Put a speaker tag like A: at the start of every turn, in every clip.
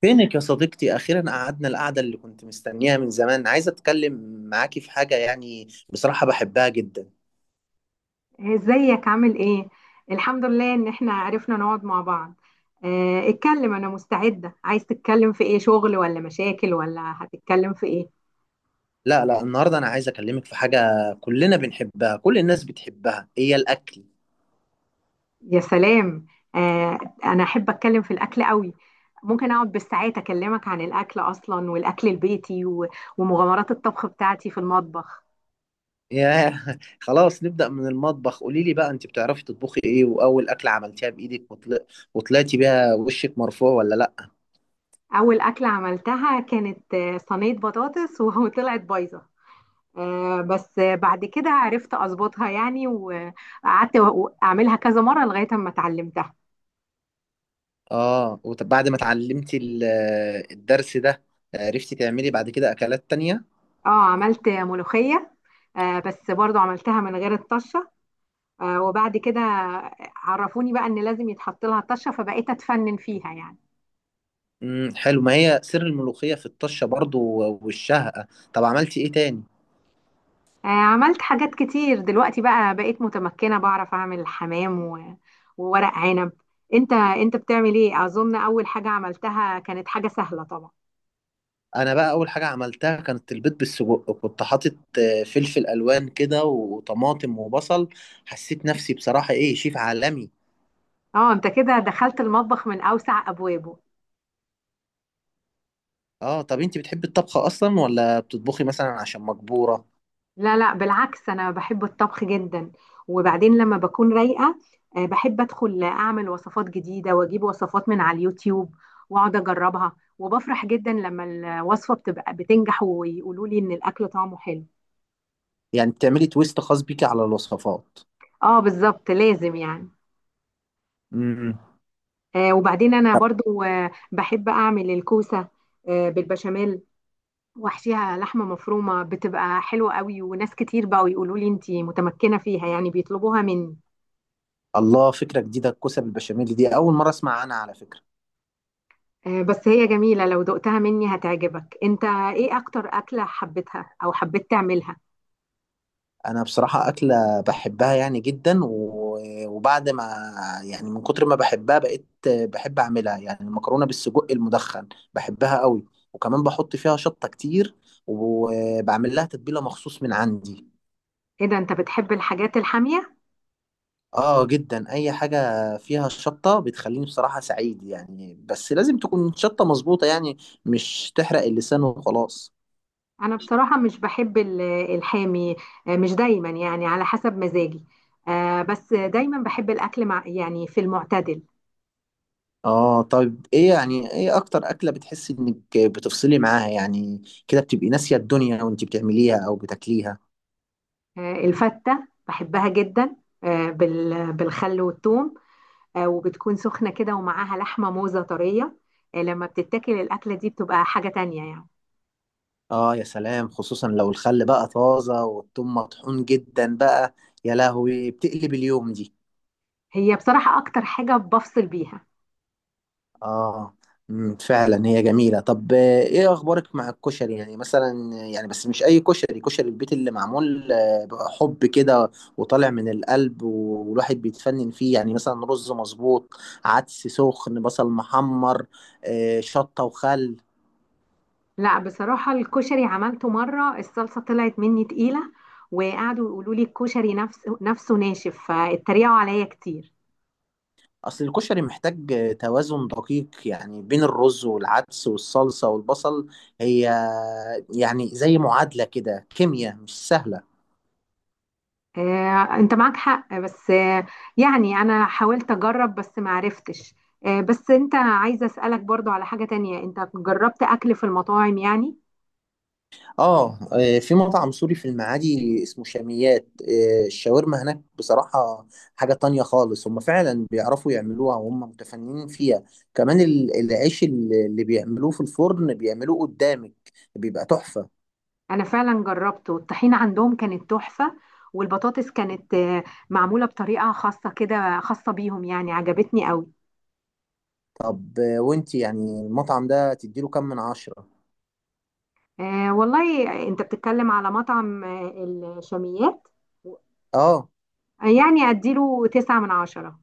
A: فينك يا صديقتي؟ أخيرا قعدنا القعدة اللي كنت مستنيها من زمان. عايز أتكلم معاكي في حاجة، يعني بصراحة بحبها جدا.
B: إيه، ازيك عامل ايه؟ الحمد لله ان احنا عرفنا نقعد مع بعض. اه، اتكلم انا مستعدة، عايز تتكلم في ايه، شغل ولا مشاكل ولا هتتكلم في ايه؟
A: لا النهاردة أنا عايز أكلمك في حاجة. كلنا بنحبها، كل الناس بتحبها، هي الأكل.
B: يا سلام. اه، انا احب اتكلم في الاكل قوي. ممكن اقعد بالساعات اكلمك عن الاكل اصلا والاكل البيتي ومغامرات الطبخ بتاعتي في المطبخ.
A: ياه! خلاص، نبدأ من المطبخ. قولي لي بقى، أنت بتعرفي تطبخي إيه؟ وأول أكلة عملتيها بإيدك وطلعتي بيها وشك مرفوع ولا لأ؟
B: اول اكلة عملتها كانت صينية بطاطس وطلعت بايظة. بس بعد كده عرفت اظبطها يعني، وقعدت اعملها كذا مره لغايه اما اتعلمتها.
A: آه، وبعد ما اتعلمتي الدرس ده، عرفتي تعملي بعد كده أكلات تانية؟
B: اه، عملت ملوخيه، بس برضو عملتها من غير الطشه. وبعد كده عرفوني بقى ان لازم يتحط لها طشه، فبقيت اتفنن فيها يعني.
A: حلو، ما هي سر الملوخية في الطشة برضو والشهقة. طب عملتي ايه تاني؟
B: عملت حاجات كتير، دلوقتي بقى بقيت متمكنه، بعرف اعمل حمام وورق عنب. انت بتعمل ايه؟ اظن اول حاجه عملتها كانت حاجه سهله طبعا.
A: انا بقى اول حاجة عملتها كانت البيض بالسجق، كنت حاطط فلفل الوان كده وطماطم وبصل. حسيت نفسي بصراحة ايه، شيف عالمي.
B: اه، انت كده دخلت المطبخ من اوسع ابوابه.
A: اه، طب انت بتحبي الطبخ اصلا ولا بتطبخي مثلا عشان مجبورة؟
B: لا لا، بالعكس انا بحب الطبخ جدا، وبعدين لما بكون رايقه بحب ادخل اعمل وصفات جديده، واجيب وصفات من على اليوتيوب واقعد اجربها، وبفرح جدا لما الوصفه بتبقى بتنجح ويقولوا لي ان الاكل طعمه حلو.
A: يعني بتعملي تويست خاص بيكي على الوصفات.
B: اه بالظبط، لازم يعني.
A: امم امم.
B: وبعدين انا برضو بحب اعمل الكوسه بالبشاميل، واحشيها لحمه مفرومه، بتبقى حلوه قوي وناس كتير بقوا يقولوا لي انتي متمكنه فيها يعني، بيطلبوها مني.
A: الله، فكرة جديدة، الكوسة بالبشاميل دي اول مرة اسمع عنها على فكرة.
B: بس هي جميلة، لو دقتها مني هتعجبك. انت ايه اكتر اكلة حبيتها او حبيت تعملها؟
A: انا بصراحة اكلة بحبها يعني جدا، وبعد ما، يعني من كتر ما بحبها بقيت بحب اعملها، يعني المكرونة بالسجق المدخن بحبها قوي، وكمان بحط فيها شطة كتير، وبعمل لها تتبيلة مخصوص من عندي.
B: ايه ده، انت بتحب الحاجات الحامية؟
A: اه، جدا، اي حاجة فيها شطة بتخليني بصراحة سعيد يعني، بس لازم تكون شطة مظبوطة يعني، مش تحرق اللسان وخلاص.
B: انا بصراحة مش بحب الحامي، مش دايما يعني، على حسب مزاجي، بس دايما بحب الاكل مع يعني في المعتدل.
A: اه، طيب ايه يعني، ايه اكتر اكلة بتحسي انك بتفصلي معاها يعني، كده بتبقي ناسية الدنيا وانت بتعمليها او بتاكليها؟
B: الفتة بحبها جدا، بالخل والثوم، وبتكون سخنة كده ومعاها لحمة موزة طرية. لما بتتاكل الاكلة دي بتبقى حاجة تانية يعني.
A: اه يا سلام، خصوصا لو الخل بقى طازة والثوم مطحون جدا بقى، يا لهوي بتقلب اليوم دي.
B: هي بصراحة اكتر حاجة بفصل بيها.
A: اه. فعلا هي جميلة. طب ايه اخبارك مع الكشري يعني، مثلا يعني، بس مش اي كشري، كشري البيت اللي معمول بحب كده، وطالع من القلب، والواحد بيتفنن فيه، يعني مثلا رز مظبوط، عدس سخن، بصل محمر، شطة وخل.
B: لا بصراحة، الكشري عملته مرة، الصلصة طلعت مني تقيلة وقعدوا يقولوا لي الكشري نفسه ناشف، فاتريقوا عليا كتير.
A: اصل الكشري محتاج توازن دقيق يعني، بين الرز والعدس والصلصة والبصل. هي يعني زي معادلة كده، كيمياء مش سهلة.
B: انت معاك حق، بس يعني انا حاولت اجرب بس ما عرفتش. بس انت، عايزة اسألك برضو على حاجة تانية، انت جربت اكل في المطاعم يعني؟
A: اه، في مطعم سوري في المعادي اسمه شاميات، الشاورما هناك بصراحة حاجة تانية خالص، هم فعلا بيعرفوا يعملوها وهم متفننين فيها. كمان العيش اللي بيعملوه في الفرن بيعملوه قدامك، بيبقى تحفة.
B: انا فعلا جربته، الطحينة عندهم كانت تحفة، والبطاطس كانت معمولة بطريقة خاصة كده، خاصة بيهم يعني، عجبتني قوي.
A: طب وانت يعني المطعم ده تديله كام من عشرة؟
B: والله انت بتتكلم على مطعم الشاميات.
A: اه.
B: يعني اديله تسعة من عشرة.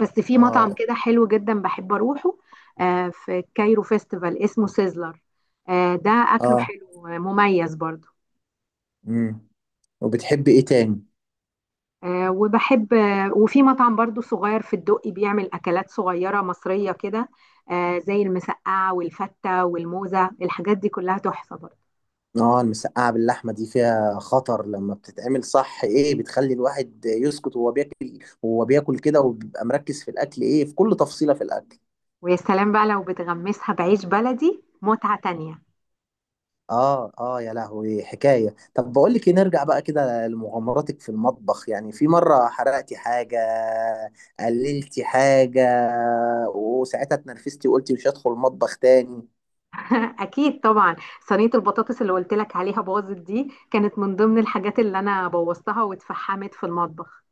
B: بس في مطعم
A: اه.
B: كده حلو جدا بحب اروحه، في كايرو فيستيفال اسمه سيزلر، ده اكله
A: اه.
B: حلو، مميز برضو.
A: امم. وبتحبي ايه تاني؟
B: آه وبحب آه وفي مطعم برضو صغير في الدقي بيعمل اكلات صغيرة مصرية كده، زي المسقعة والفتة والموزة، الحاجات دي كلها تحفة برضو.
A: اه، المسقعة باللحمة دي فيها خطر، لما بتتعمل صح ايه بتخلي الواحد يسكت وهو بياكل، وهو بياكل كده وبيبقى مركز في الاكل، ايه في كل تفصيلة في الاكل.
B: ويا سلام بقى لو بتغمسها بعيش بلدي، متعة تانية.
A: اه، اه يا لهوي حكاية. طب بقول لك ايه، نرجع بقى كده لمغامراتك في المطبخ، يعني في مرة حرقتي حاجة، قللتي حاجة، وساعتها اتنرفزتي وقلتي مش هدخل المطبخ تاني؟
B: اكيد طبعا، صينيه البطاطس اللي قلت لك عليها باظت دي كانت من ضمن الحاجات اللي انا بوظتها واتفحمت في المطبخ.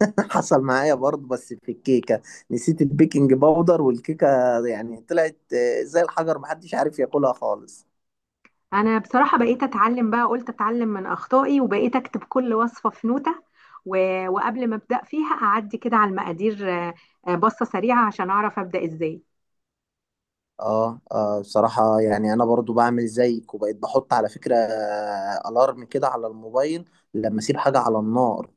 A: حصل معايا برضه بس في الكيكة، نسيت البيكنج باودر والكيكة يعني طلعت زي الحجر، محدش عارف ياكلها خالص.
B: انا بصراحه بقيت اتعلم بقى، قلت اتعلم من اخطائي وبقيت اكتب كل وصفه في نوته، و... وقبل ما ابدا فيها اعدي كده على المقادير، بصه سريعه عشان اعرف ابدا ازاي.
A: اه، اه بصراحة يعني انا برضو بعمل زيك، وبقيت بحط على فكرة الارم كده على الموبايل لما اسيب حاجة على النار.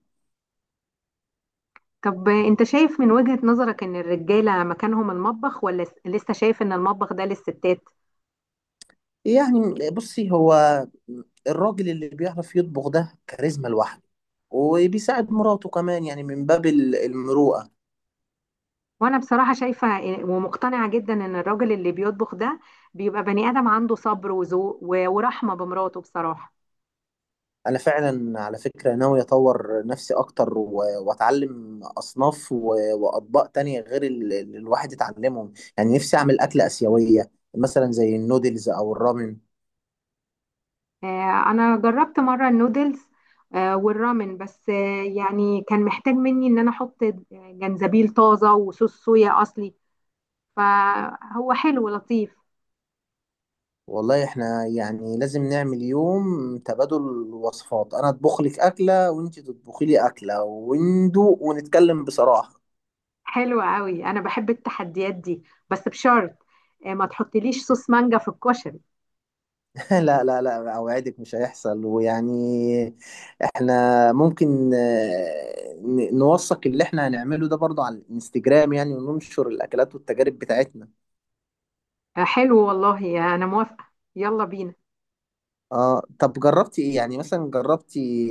B: طب انت شايف من وجهه نظرك ان الرجاله مكانهم المطبخ ولا لسه شايف ان المطبخ ده للستات؟
A: يعني بصي، هو الراجل اللي بيعرف يطبخ ده كاريزما لوحده، وبيساعد مراته كمان يعني من باب المروءة.
B: وانا بصراحة شايفة ومقتنعة جدا ان الراجل اللي بيطبخ ده بيبقى بني ادم عنده صبر وذوق ورحمة بمراته بصراحة.
A: انا فعلا على فكره ناوي اطور نفسي اكتر، واتعلم اصناف واطباق تانية غير اللي الواحد يتعلمهم، يعني نفسي اعمل اكله اسيويه مثلا زي النودلز او الرامن.
B: انا جربت مرة النودلز والرامن، بس يعني كان محتاج مني ان انا احط جنزبيل طازة وصوص صويا اصلي، فهو حلو لطيف.
A: والله احنا يعني لازم نعمل يوم تبادل وصفات، انا اطبخ لك اكله وانت تطبخي لي اكله وندوق ونتكلم بصراحه.
B: حلو قوي، انا بحب التحديات دي، بس بشرط ما تحطليش صوص مانجا في الكشري.
A: لا، أوعدك مش هيحصل. ويعني احنا ممكن نوثق اللي احنا هنعمله ده برضه على الانستجرام، يعني وننشر الأكلات والتجارب بتاعتنا.
B: حلو والله، انا موافقة، يلا بينا.
A: اه، طب جربتي ايه يعني، مثلا جربتي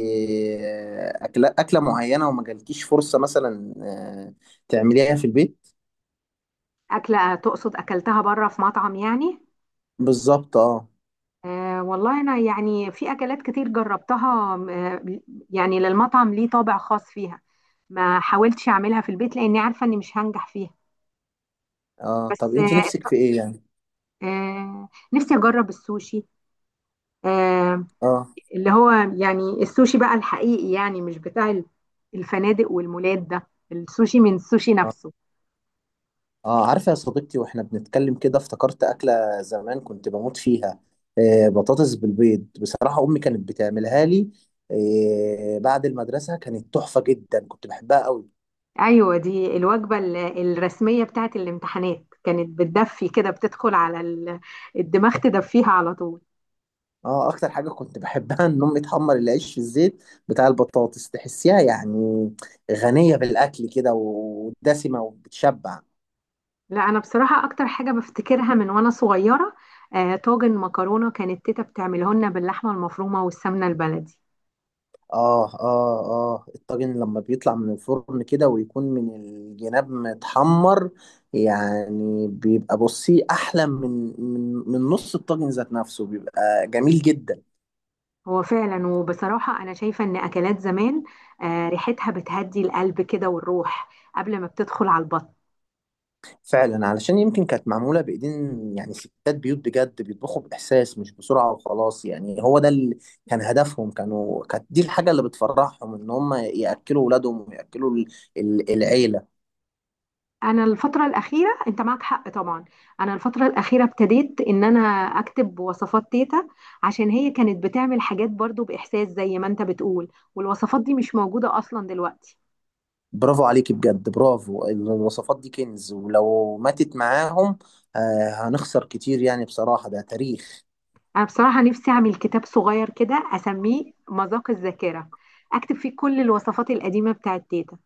A: أكلة معينة وما جالكيش فرصة مثلا تعمليها في البيت؟
B: أكلة تقصد أكلتها بره في مطعم يعني؟
A: بالظبط اه.
B: والله أنا يعني في أكلات كتير جربتها، يعني للمطعم ليه طابع خاص فيها، ما حاولتش أعملها في البيت لأني عارفة إني مش هنجح فيها.
A: اه، طب
B: بس
A: انت نفسك في ايه يعني؟
B: نفسي أجرب السوشي، آه
A: اه.
B: اللي هو يعني السوشي بقى الحقيقي، يعني مش بتاع الفنادق والمولات ده، السوشي من السوشي
A: آه.
B: نفسه.
A: اه عارفة يا صديقتي، واحنا بنتكلم كده افتكرت أكلة زمان كنت بموت فيها، آه، بطاطس بالبيض، بصراحة أمي كانت بتعملها لي آه بعد المدرسة، كانت تحفة جدا كنت بحبها قوي.
B: ايوه دي الوجبه الرسميه بتاعت الامتحانات، كانت بتدفي كده، بتدخل على الدماغ، تدفيها على طول.
A: اه، أكتر حاجة كنت بحبها إن أمي تحمر العيش في الزيت بتاع البطاطس، تحسيها يعني غنية بالأكل كده ودسمة وبتشبع.
B: لا انا بصراحه اكتر حاجه بفتكرها من وانا صغيره، طاجن مكرونه، كانت تيتا بتعمله لنا باللحمه المفرومه والسمنه البلدي.
A: اه اه اه، الطاجن لما بيطلع من الفرن كده ويكون من الجناب متحمر يعني، بيبقى بصي احلى من من نص الطاجن، ذات نفسه بيبقى جميل جدا.
B: هو فعلا، وبصراحه انا شايفه ان اكلات زمان ريحتها بتهدي القلب كده والروح قبل ما بتدخل على البطن.
A: فعلا، علشان يمكن كانت معمولة بايدين، يعني ستات بيوت بجد بيطبخوا باحساس مش بسرعة وخلاص، يعني هو ده اللي كان هدفهم، كانت دي الحاجة اللي بتفرحهم، ان هم ياكلوا اولادهم وياكلوا العيلة.
B: انا الفتره الاخيره، انت معك حق طبعا، انا الفتره الاخيره ابتديت ان انا اكتب وصفات تيتا عشان هي كانت بتعمل حاجات برضو باحساس زي ما انت بتقول، والوصفات دي مش موجوده اصلا دلوقتي.
A: برافو عليك بجد، برافو، الوصفات دي كنز، ولو ماتت معاهم آه هنخسر كتير يعني، بصراحة ده تاريخ.
B: انا بصراحه نفسي اعمل كتاب صغير كده اسميه مذاق الذاكره، اكتب فيه كل الوصفات القديمه بتاعت تيتا.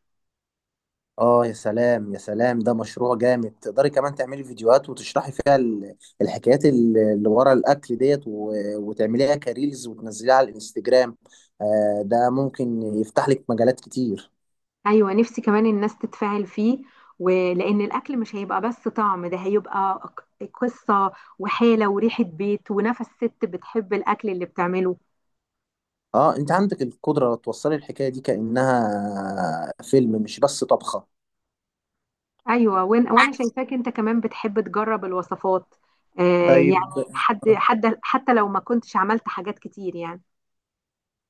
A: اه يا سلام يا سلام، ده مشروع جامد، تقدري كمان تعملي فيديوهات وتشرحي فيها الحكايات اللي ورا الاكل ديت، وتعمليها كريلز وتنزليها على الانستجرام، آه ده ممكن يفتح لك مجالات كتير.
B: ايوه نفسي كمان الناس تتفاعل فيه، ولان الاكل مش هيبقى بس طعم، ده هيبقى قصه وحاله وريحه بيت ونفس ست بتحب الاكل اللي بتعمله.
A: اه، انت عندك القدرة توصلي الحكاية دي كأنها فيلم مش بس طبخة.
B: ايوه وانا شايفاك انت كمان بتحب تجرب الوصفات،
A: طيب.
B: يعني حد حتى لو ما كنتش عملت حاجات كتير يعني.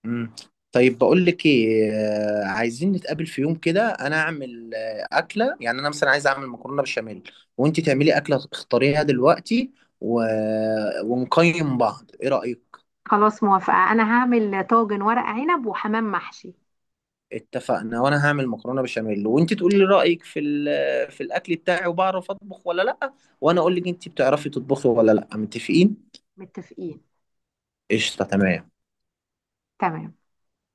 A: مم. طيب بقول لك ايه عايزين نتقابل في يوم كده، انا اعمل اكله، يعني انا مثلا عايز اعمل مكرونه بشاميل، وانت تعملي اكله اختاريها دلوقتي و... ونقيم بعض، ايه رايك؟
B: خلاص موافقة، انا هعمل طاجن ورق عنب وحمام محشي.
A: اتفقنا، وانا هعمل مكرونه بشاميل وانت تقولي لي رايك في الاكل بتاعي، وبعرف اطبخ ولا لا، وانا اقول لك انت بتعرفي تطبخي ولا لا. متفقين؟
B: متفقين.
A: قشطه، تمام.
B: تمام.